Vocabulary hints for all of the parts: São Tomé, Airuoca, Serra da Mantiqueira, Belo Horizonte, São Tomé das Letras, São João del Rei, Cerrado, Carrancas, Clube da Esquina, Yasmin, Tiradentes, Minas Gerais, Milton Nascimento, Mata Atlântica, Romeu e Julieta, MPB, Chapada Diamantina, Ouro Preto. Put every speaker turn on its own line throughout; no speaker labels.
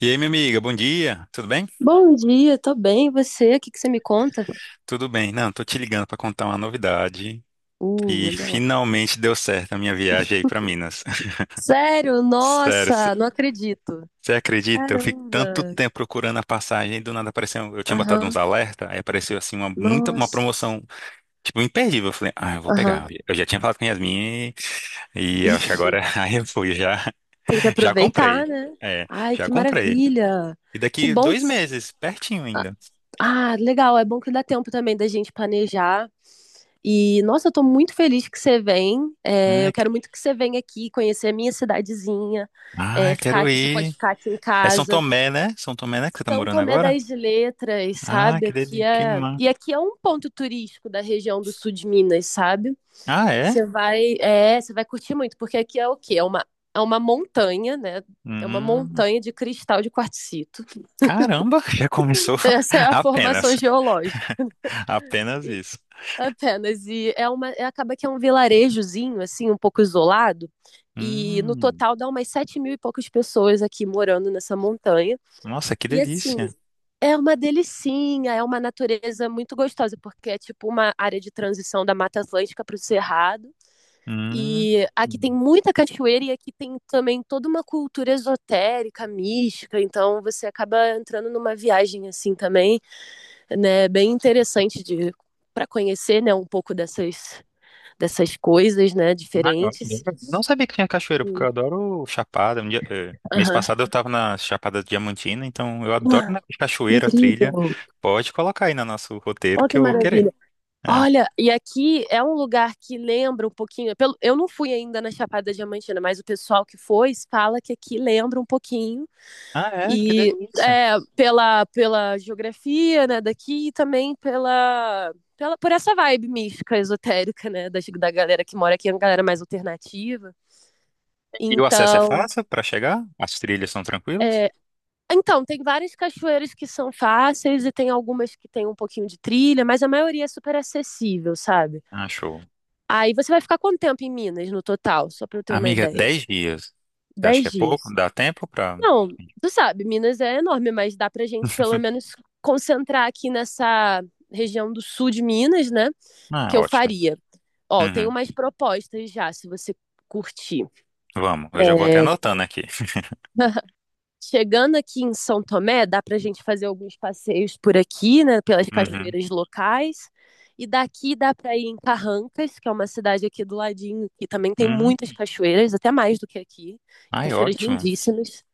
E aí, minha amiga, bom dia. Tudo bem?
Bom dia, tô bem. E você? O que que você me conta?
Tudo bem. Não, tô te ligando pra contar uma novidade que
Olha lá.
finalmente deu certo a minha viagem aí pra Minas.
Sério?
Sério,
Nossa, não acredito.
você acredita? Eu fiquei tanto
Caramba.
tempo procurando a passagem e do nada apareceu. Eu tinha botado uns
Aham.
alerta, aí apareceu assim uma
Nossa.
promoção, tipo, imperdível. Eu falei: "Ah, eu vou
Aham.
pegar". Eu já tinha falado com a Yasmin e eu acho que
Ih,
agora aí eu fui, já
tem que
já
aproveitar,
comprei.
né?
É,
Ai,
já
que
comprei.
maravilha.
E
Que
daqui
bom.
dois meses, pertinho
Ah,
ainda.
ah, legal. É bom que dá tempo também da gente planejar. E, nossa, eu tô muito feliz que você vem. É, eu
Ai,
quero
que-
muito que você venha aqui conhecer a minha cidadezinha.
ai,
É, ficar
quero
aqui, você pode
ir.
ficar aqui em
É São
casa.
Tomé, né? São Tomé, né? Que você tá
São
morando
Tomé
agora?
das Letras,
Ah,
sabe?
que
Aqui
delícia.
é. E aqui é um ponto turístico da região do sul de Minas, sabe?
Ah, é?
Você vai, é, você vai curtir muito, porque aqui é o quê? É uma montanha, né? É uma
Hum,
montanha de cristal de quartzito.
caramba, já começou.
Essa é a formação
Apenas.
geológica.
Apenas
E-
isso.
Apenas. Acaba que é um vilarejozinho, assim, um pouco isolado. E no
Hum,
total dá umas 7 mil e poucas pessoas aqui morando nessa montanha.
nossa, que
E assim,
delícia.
é uma delicinha, é uma natureza muito gostosa, porque é tipo uma área de transição da Mata Atlântica para o Cerrado.
Hum.
E aqui tem muita cachoeira e aqui tem também toda uma cultura esotérica, mística, então você acaba entrando numa viagem assim também, né, bem interessante de para conhecer, né, um pouco dessas coisas, né,
Ah, eu
diferentes.
adoro. Não sabia que tinha cachoeira, porque eu
Hum,
adoro chapada. Um dia, mês
Aham.
passado eu tava na Chapada Diamantina, então eu adoro,
Ah,
né,
que
cachoeira, trilha.
incrível.
Pode colocar aí no nosso roteiro
Olha
que
que
eu vou querer.
maravilha.
É.
Olha, e aqui é um lugar que lembra um pouquinho. Eu não fui ainda na Chapada Diamantina, mas o pessoal que foi fala que aqui lembra um pouquinho.
Ah, é? Que
E
delícia.
é, pela geografia, né, daqui e também por essa vibe mística, esotérica, né, da galera que mora aqui, é uma galera mais alternativa.
E o acesso é
Então,
fácil para chegar? As trilhas são tranquilas?
é, então, tem várias cachoeiras que são fáceis e tem algumas que tem um pouquinho de trilha, mas a maioria é super acessível, sabe?
Ah, show.
Aí você vai ficar quanto tempo em Minas no total? Só pra eu ter uma
Amiga,
ideia.
10 dias. Você acha que
Dez
é pouco?
dias.
Dá tempo para.
Não, tu sabe, Minas é enorme, mas dá pra gente pelo menos concentrar aqui nessa região do sul de Minas, né? Que
Ah,
eu
ótimo.
faria. Ó, tem
Uhum.
umas propostas já, se você curtir.
Vamos, eu já vou até
É.
anotando aqui.
Chegando aqui em São Tomé, dá para a gente fazer alguns passeios por aqui, né, pelas
Uhum.
cachoeiras locais. E daqui dá para ir em Carrancas, que é uma cidade aqui do ladinho, que também tem
Hum.
muitas cachoeiras, até mais do que aqui.
Ai,
Cachoeiras
ótimo.
lindíssimas.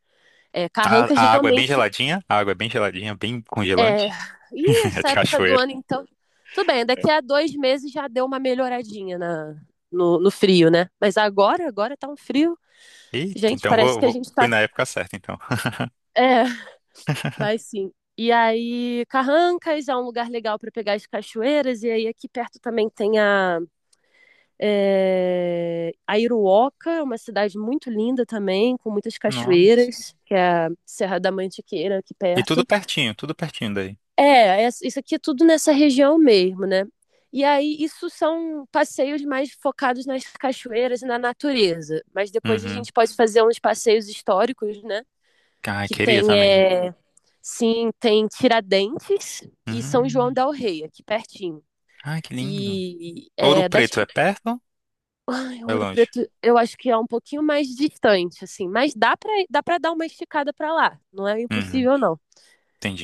É,
A,
Carrancas
a água é bem
realmente
geladinha? A água é bem geladinha, bem
é.
congelante.
Ih,
É
essa
de
época do
cachoeira.
ano, então. Tudo bem, daqui
É.
a 2 meses já deu uma melhoradinha na, no, no frio, né? Mas agora, agora tá um frio.
Eita,
Gente,
então
parece
vou,
que a gente
fui
tá.
na época certa, então.
É, vai sim. E aí, Carrancas é um lugar legal para pegar as cachoeiras. E aí, aqui perto também tem a Airuoca, é uma cidade muito linda também, com muitas
Nossa.
cachoeiras, que é a Serra da Mantiqueira, aqui
E
perto.
tudo pertinho daí.
Isso aqui é tudo nessa região mesmo, né? E aí, isso são passeios mais focados nas cachoeiras e na natureza. Mas depois a
Uhum.
gente pode fazer uns passeios históricos, né?
Ai,
Que
queria
tem,
também.
é, Sim, tem Tiradentes e São João
Hum.
del Rei, aqui pertinho.
Ai, que lindo.
E
Ouro
é, dá
Preto
tipo,
é perto? Foi
Ouro
longe.
Preto, eu acho que é um pouquinho mais distante, assim, mas dá pra dar uma esticada pra lá, não é
Uhum,
impossível não.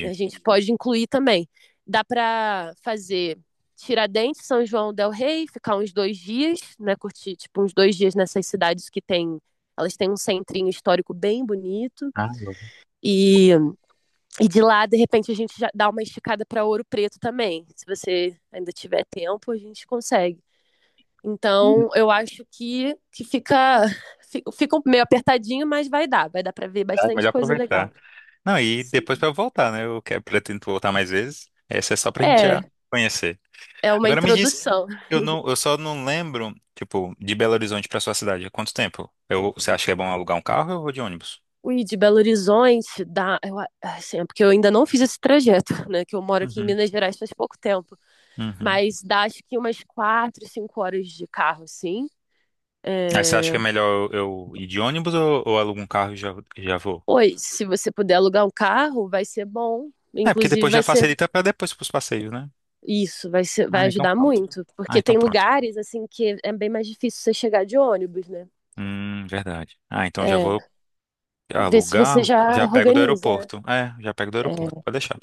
E a gente pode incluir também. Dá pra fazer Tiradentes, São João del Rei, ficar uns 2 dias, né, curtir tipo uns 2 dias nessas cidades que tem, elas têm um centrinho histórico bem bonito
Ah, eu-
e E de lá, de repente, a gente já dá uma esticada para Ouro Preto também. Se você ainda tiver tempo, a gente consegue.
Uhum.
Então, eu acho que fica meio apertadinho, mas vai dar. Vai dar para ver
Ah,
bastante
melhor
coisa
aproveitar.
legal.
Não, e depois
Sim.
pra eu voltar, né? Eu quero, pretendo voltar mais vezes. Essa é só pra gente já
É,
conhecer.
é uma
Agora me diz,
introdução.
eu não, eu só não lembro, tipo, de Belo Horizonte pra sua cidade. Quanto tempo? Você acha que é bom alugar um carro ou eu vou de ônibus?
O ir de Belo Horizonte dá. Eu, assim, é porque eu ainda não fiz esse trajeto, né? Que eu moro aqui em
Uhum,
Minas Gerais faz pouco tempo.
uhum.
Mas dá acho que umas 4, 5 horas de carro, assim.
Aí você acha que
É,
é melhor eu ir de ônibus ou alugo um carro e já vou?
Oi, se você puder alugar um carro, vai ser bom.
É, porque
Inclusive,
depois
vai
já
ser
facilita pra depois pros passeios, né?
isso,
Ah,
vai
então
ajudar
pronto.
muito,
Ah,
porque
então
tem
pronto.
lugares assim que é bem mais difícil você chegar de ônibus, né?
Verdade. Ah, então já
É,
vou.
ver se você
Alugar,
já
já pego do
organiza.
aeroporto. É, já pego do
É,
aeroporto, pode deixar.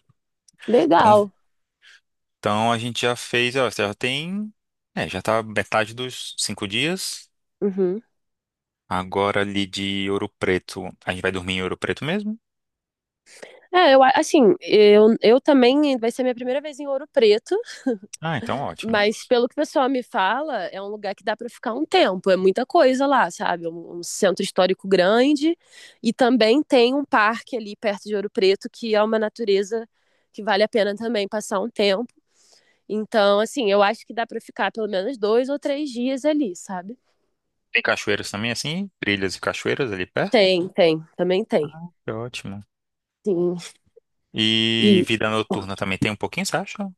Então,
legal.
então, a gente já fez, ó, já tem. É, já tá metade dos 5 dias.
Uhum.
Agora ali de Ouro Preto, a gente vai dormir em Ouro Preto mesmo?
É, assim, eu também vai ser minha primeira vez em Ouro Preto.
Ah, então ótimo.
Mas pelo que o pessoal me fala, é um lugar que dá para ficar um tempo, é muita coisa lá, sabe? É um centro histórico grande e também tem um parque ali perto de Ouro Preto que é uma natureza que vale a pena também passar um tempo. Então, assim, eu acho que dá para ficar pelo menos 2 ou 3 dias ali, sabe?
Tem cachoeiras também, assim, trilhas e cachoeiras ali perto?
Tem, tem, também tem.
Que ótimo.
Sim.
E
E
vida noturna também tem um pouquinho, você acha?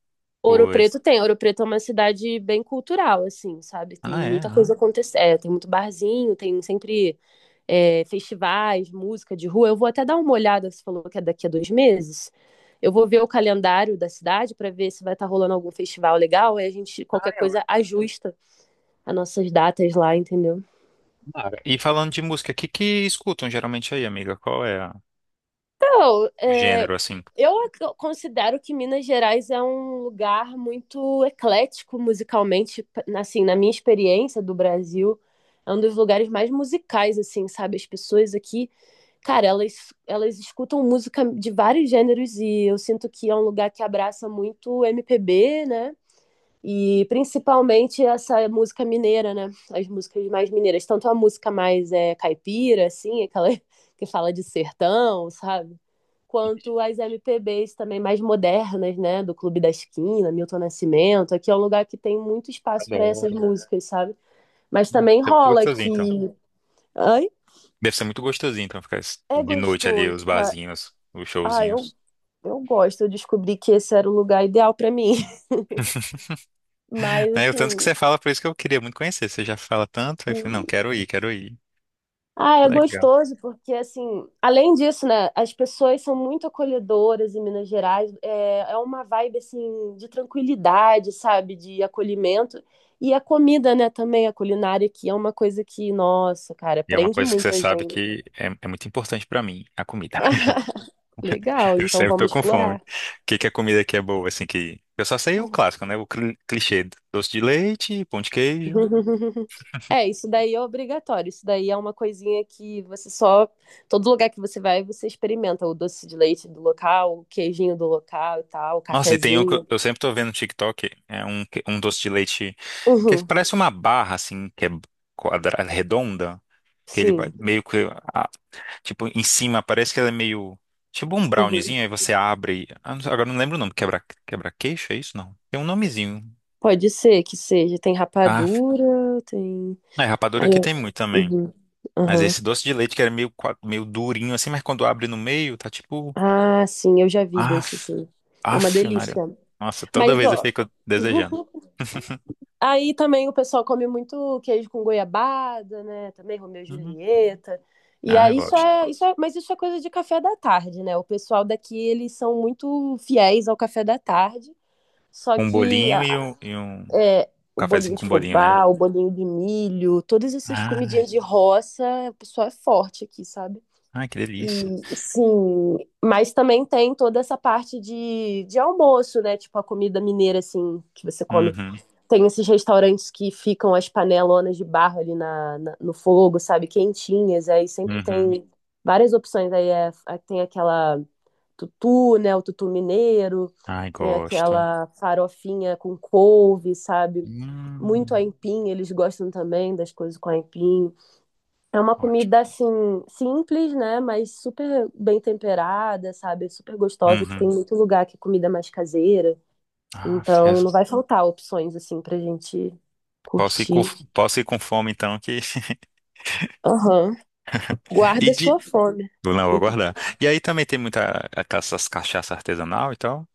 Ouro Preto
Pois.
tem. Ouro Preto é uma cidade bem cultural, assim, sabe? Tem
Ah, é.
muita
Ah.
coisa acontecendo. É, tem muito barzinho, tem sempre festivais, música de rua. Eu vou até dar uma olhada, você falou que é daqui a 2 meses. Eu vou ver o calendário da cidade para ver se vai estar rolando algum festival legal e a gente,
Ah,
qualquer
é
coisa,
ótimo.
ajusta as nossas datas lá, entendeu?
Mara. E falando de música, o que que escutam geralmente aí, amiga? Qual é
Então,
o
é,
gênero, assim?
eu considero que Minas Gerais é um lugar muito eclético musicalmente, assim, na minha experiência do Brasil, é um dos lugares mais musicais, assim, sabe? As pessoas aqui, cara, elas escutam música de vários gêneros e eu sinto que é um lugar que abraça muito MPB, né? E principalmente essa música mineira, né? As músicas mais mineiras, tanto a música mais caipira, assim, aquela que fala de sertão, sabe? Quanto as MPBs também mais modernas, né? Do Clube da Esquina, Milton Nascimento. Aqui é um lugar que tem muito espaço para essas
Adoro.
músicas, sabe? Mas
Deve
também
ser muito
rola
gostosinho, então.
que. Ai,
Ficar
é
de noite ali,
gostoso,
os
cara.
barzinhos, os
Ah, eu,
showzinhos.
eu gosto. Eu descobri que esse era o lugar ideal para mim. Mas,
Né, o tanto que você
assim,
fala, por isso que eu queria muito conhecer. Você já fala tanto, aí eu falei, não, quero ir, quero ir.
ah, é
Legal.
gostoso, porque assim, além disso, né, as pessoas são muito acolhedoras em Minas Gerais, é, é uma vibe assim de tranquilidade, sabe, de acolhimento. E a comida, né, também, a culinária aqui é uma coisa que, nossa, cara,
E é uma
prende
coisa que você
muito a
sabe
gente.
que é muito importante pra mim, a comida.
Legal,
Eu
então
sempre tô
vamos
com fome. O
explorar.
que que a comida aqui é boa, assim, que... Eu só sei o clássico, né? O clichê. Doce de leite, pão de queijo.
É, isso daí é obrigatório, isso daí é uma coisinha que você só, todo lugar que você vai, você experimenta o doce de leite do local, o queijinho do local e tal, o
Nossa, e tem um que eu
cafezinho.
eu sempre tô vendo no TikTok, é um doce de leite que é, parece uma barra, assim, que é quadra, redonda. Que ele vai
Sim.
meio que, ah, tipo, em cima parece que ela é meio, tipo um
Uhum.
browniezinho, aí você abre, ah, não sei, agora não lembro o nome, quebra-queixo, é isso? Não. Tem um nomezinho.
Pode ser que seja. Tem
Ah,
rapadura, tem.
é, rapadura
Aí
aqui
eu.
tem muito também.
Uhum.
Mas
Aham.
esse doce de leite que era meio durinho assim, mas quando abre no meio, tá tipo,
Ah, sim, eu já vi desse,
af,
sim. É uma
af, Maria.
delícia.
Nossa, toda
Mas,
vez eu
ó,
fico desejando.
aí também o pessoal come muito queijo com goiabada, né? Também Romeu e
Hum.
Julieta. E
Ah, eu
aí
gosto.
mas isso é coisa de café da tarde, né? O pessoal daqui, eles são muito fiéis ao café da tarde. Só
Com um
que
bolinho e um
é, o bolinho
cafezinho
de
com bolinho, né?
fubá, o bolinho de milho, todas essas
Ah,
comidinhas de roça, o pessoal é forte aqui, sabe?
ai, que delícia.
E sim, mas também tem toda essa parte de almoço, né? Tipo a comida mineira, assim, que você come.
Uhum,
Tem esses restaurantes que ficam as panelonas de barro ali no fogo, sabe? Quentinhas, aí sempre
uhum.
tem várias opções. Aí tem aquela tutu, né? O tutu mineiro,
Ai,
tem
gosto.
aquela farofinha com couve, sabe? Muito
Hum,
aipim, eles gostam também das coisas com aipim. É uma
ótimo.
comida, assim, simples, né? Mas super bem temperada, sabe? Super gostosa, que tem
Uhum.
muito lugar que é comida mais caseira.
Ah,
Então, não
fias-
vai faltar opções, assim, pra gente
Posso ir
curtir.
posso ir com fome então que
Aham.
e
Guarda
de
sua fome.
vou, não vou guardar. E aí também tem muita essas cachaça artesanal e tal.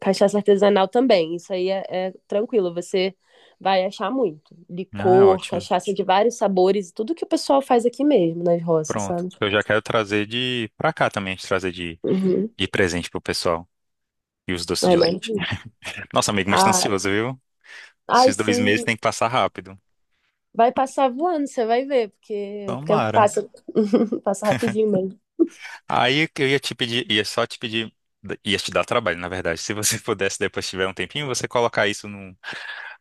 Cachaça artesanal também, isso aí é tranquilo, você vai achar muito.
Ah,
Licor,
ótimo.
cachaça de vários sabores, tudo que o pessoal faz aqui mesmo, nas roças,
Pronto.
sabe?
Eu já quero trazer de pra cá também, trazer de
Uhum.
de presente pro pessoal e os doces de
Ai,
leite.
maravilha.
Nossa, amigo, mas tá
Ah,
ansioso, viu?
ai,
Esses 2 meses
sim,
tem que passar rápido.
vai passar voando, você vai ver, porque o tempo
Tomara.
passa, passa rapidinho mesmo.
Aí eu ia te pedir, ia só te pedir, ia te dar trabalho, na verdade. Se você pudesse depois tiver um tempinho, você colocar isso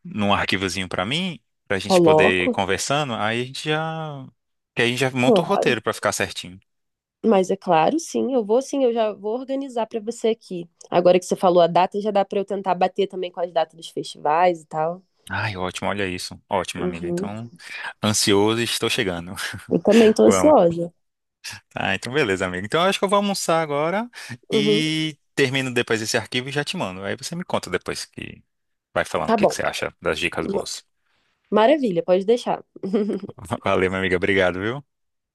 num arquivozinho pra mim, pra gente poder ir
Coloco,
conversando, aí a gente já. Que aí a gente já monta o
claro.
roteiro pra ficar certinho.
Mas é claro, sim, eu vou sim, eu já vou organizar para você aqui. Agora que você falou a data, já dá para eu tentar bater também com as datas dos festivais e tal.
Ai, ótimo, olha isso. Ótimo, amiga.
Uhum.
Então, ansioso e estou chegando.
Eu também tô
Vamos.
ansiosa.
Ah, então beleza, amiga. Então eu acho que eu vou almoçar agora
Uhum.
e termino depois esse arquivo e já te mando. Aí você me conta depois que vai falando o
Tá
que que
bom.
você acha das dicas
Ma-
boas.
Maravilha, pode deixar.
Valeu, minha amiga. Obrigado, viu?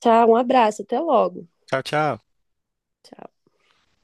Tchau, um abraço, até logo.
Tchau, tchau.
Tchau.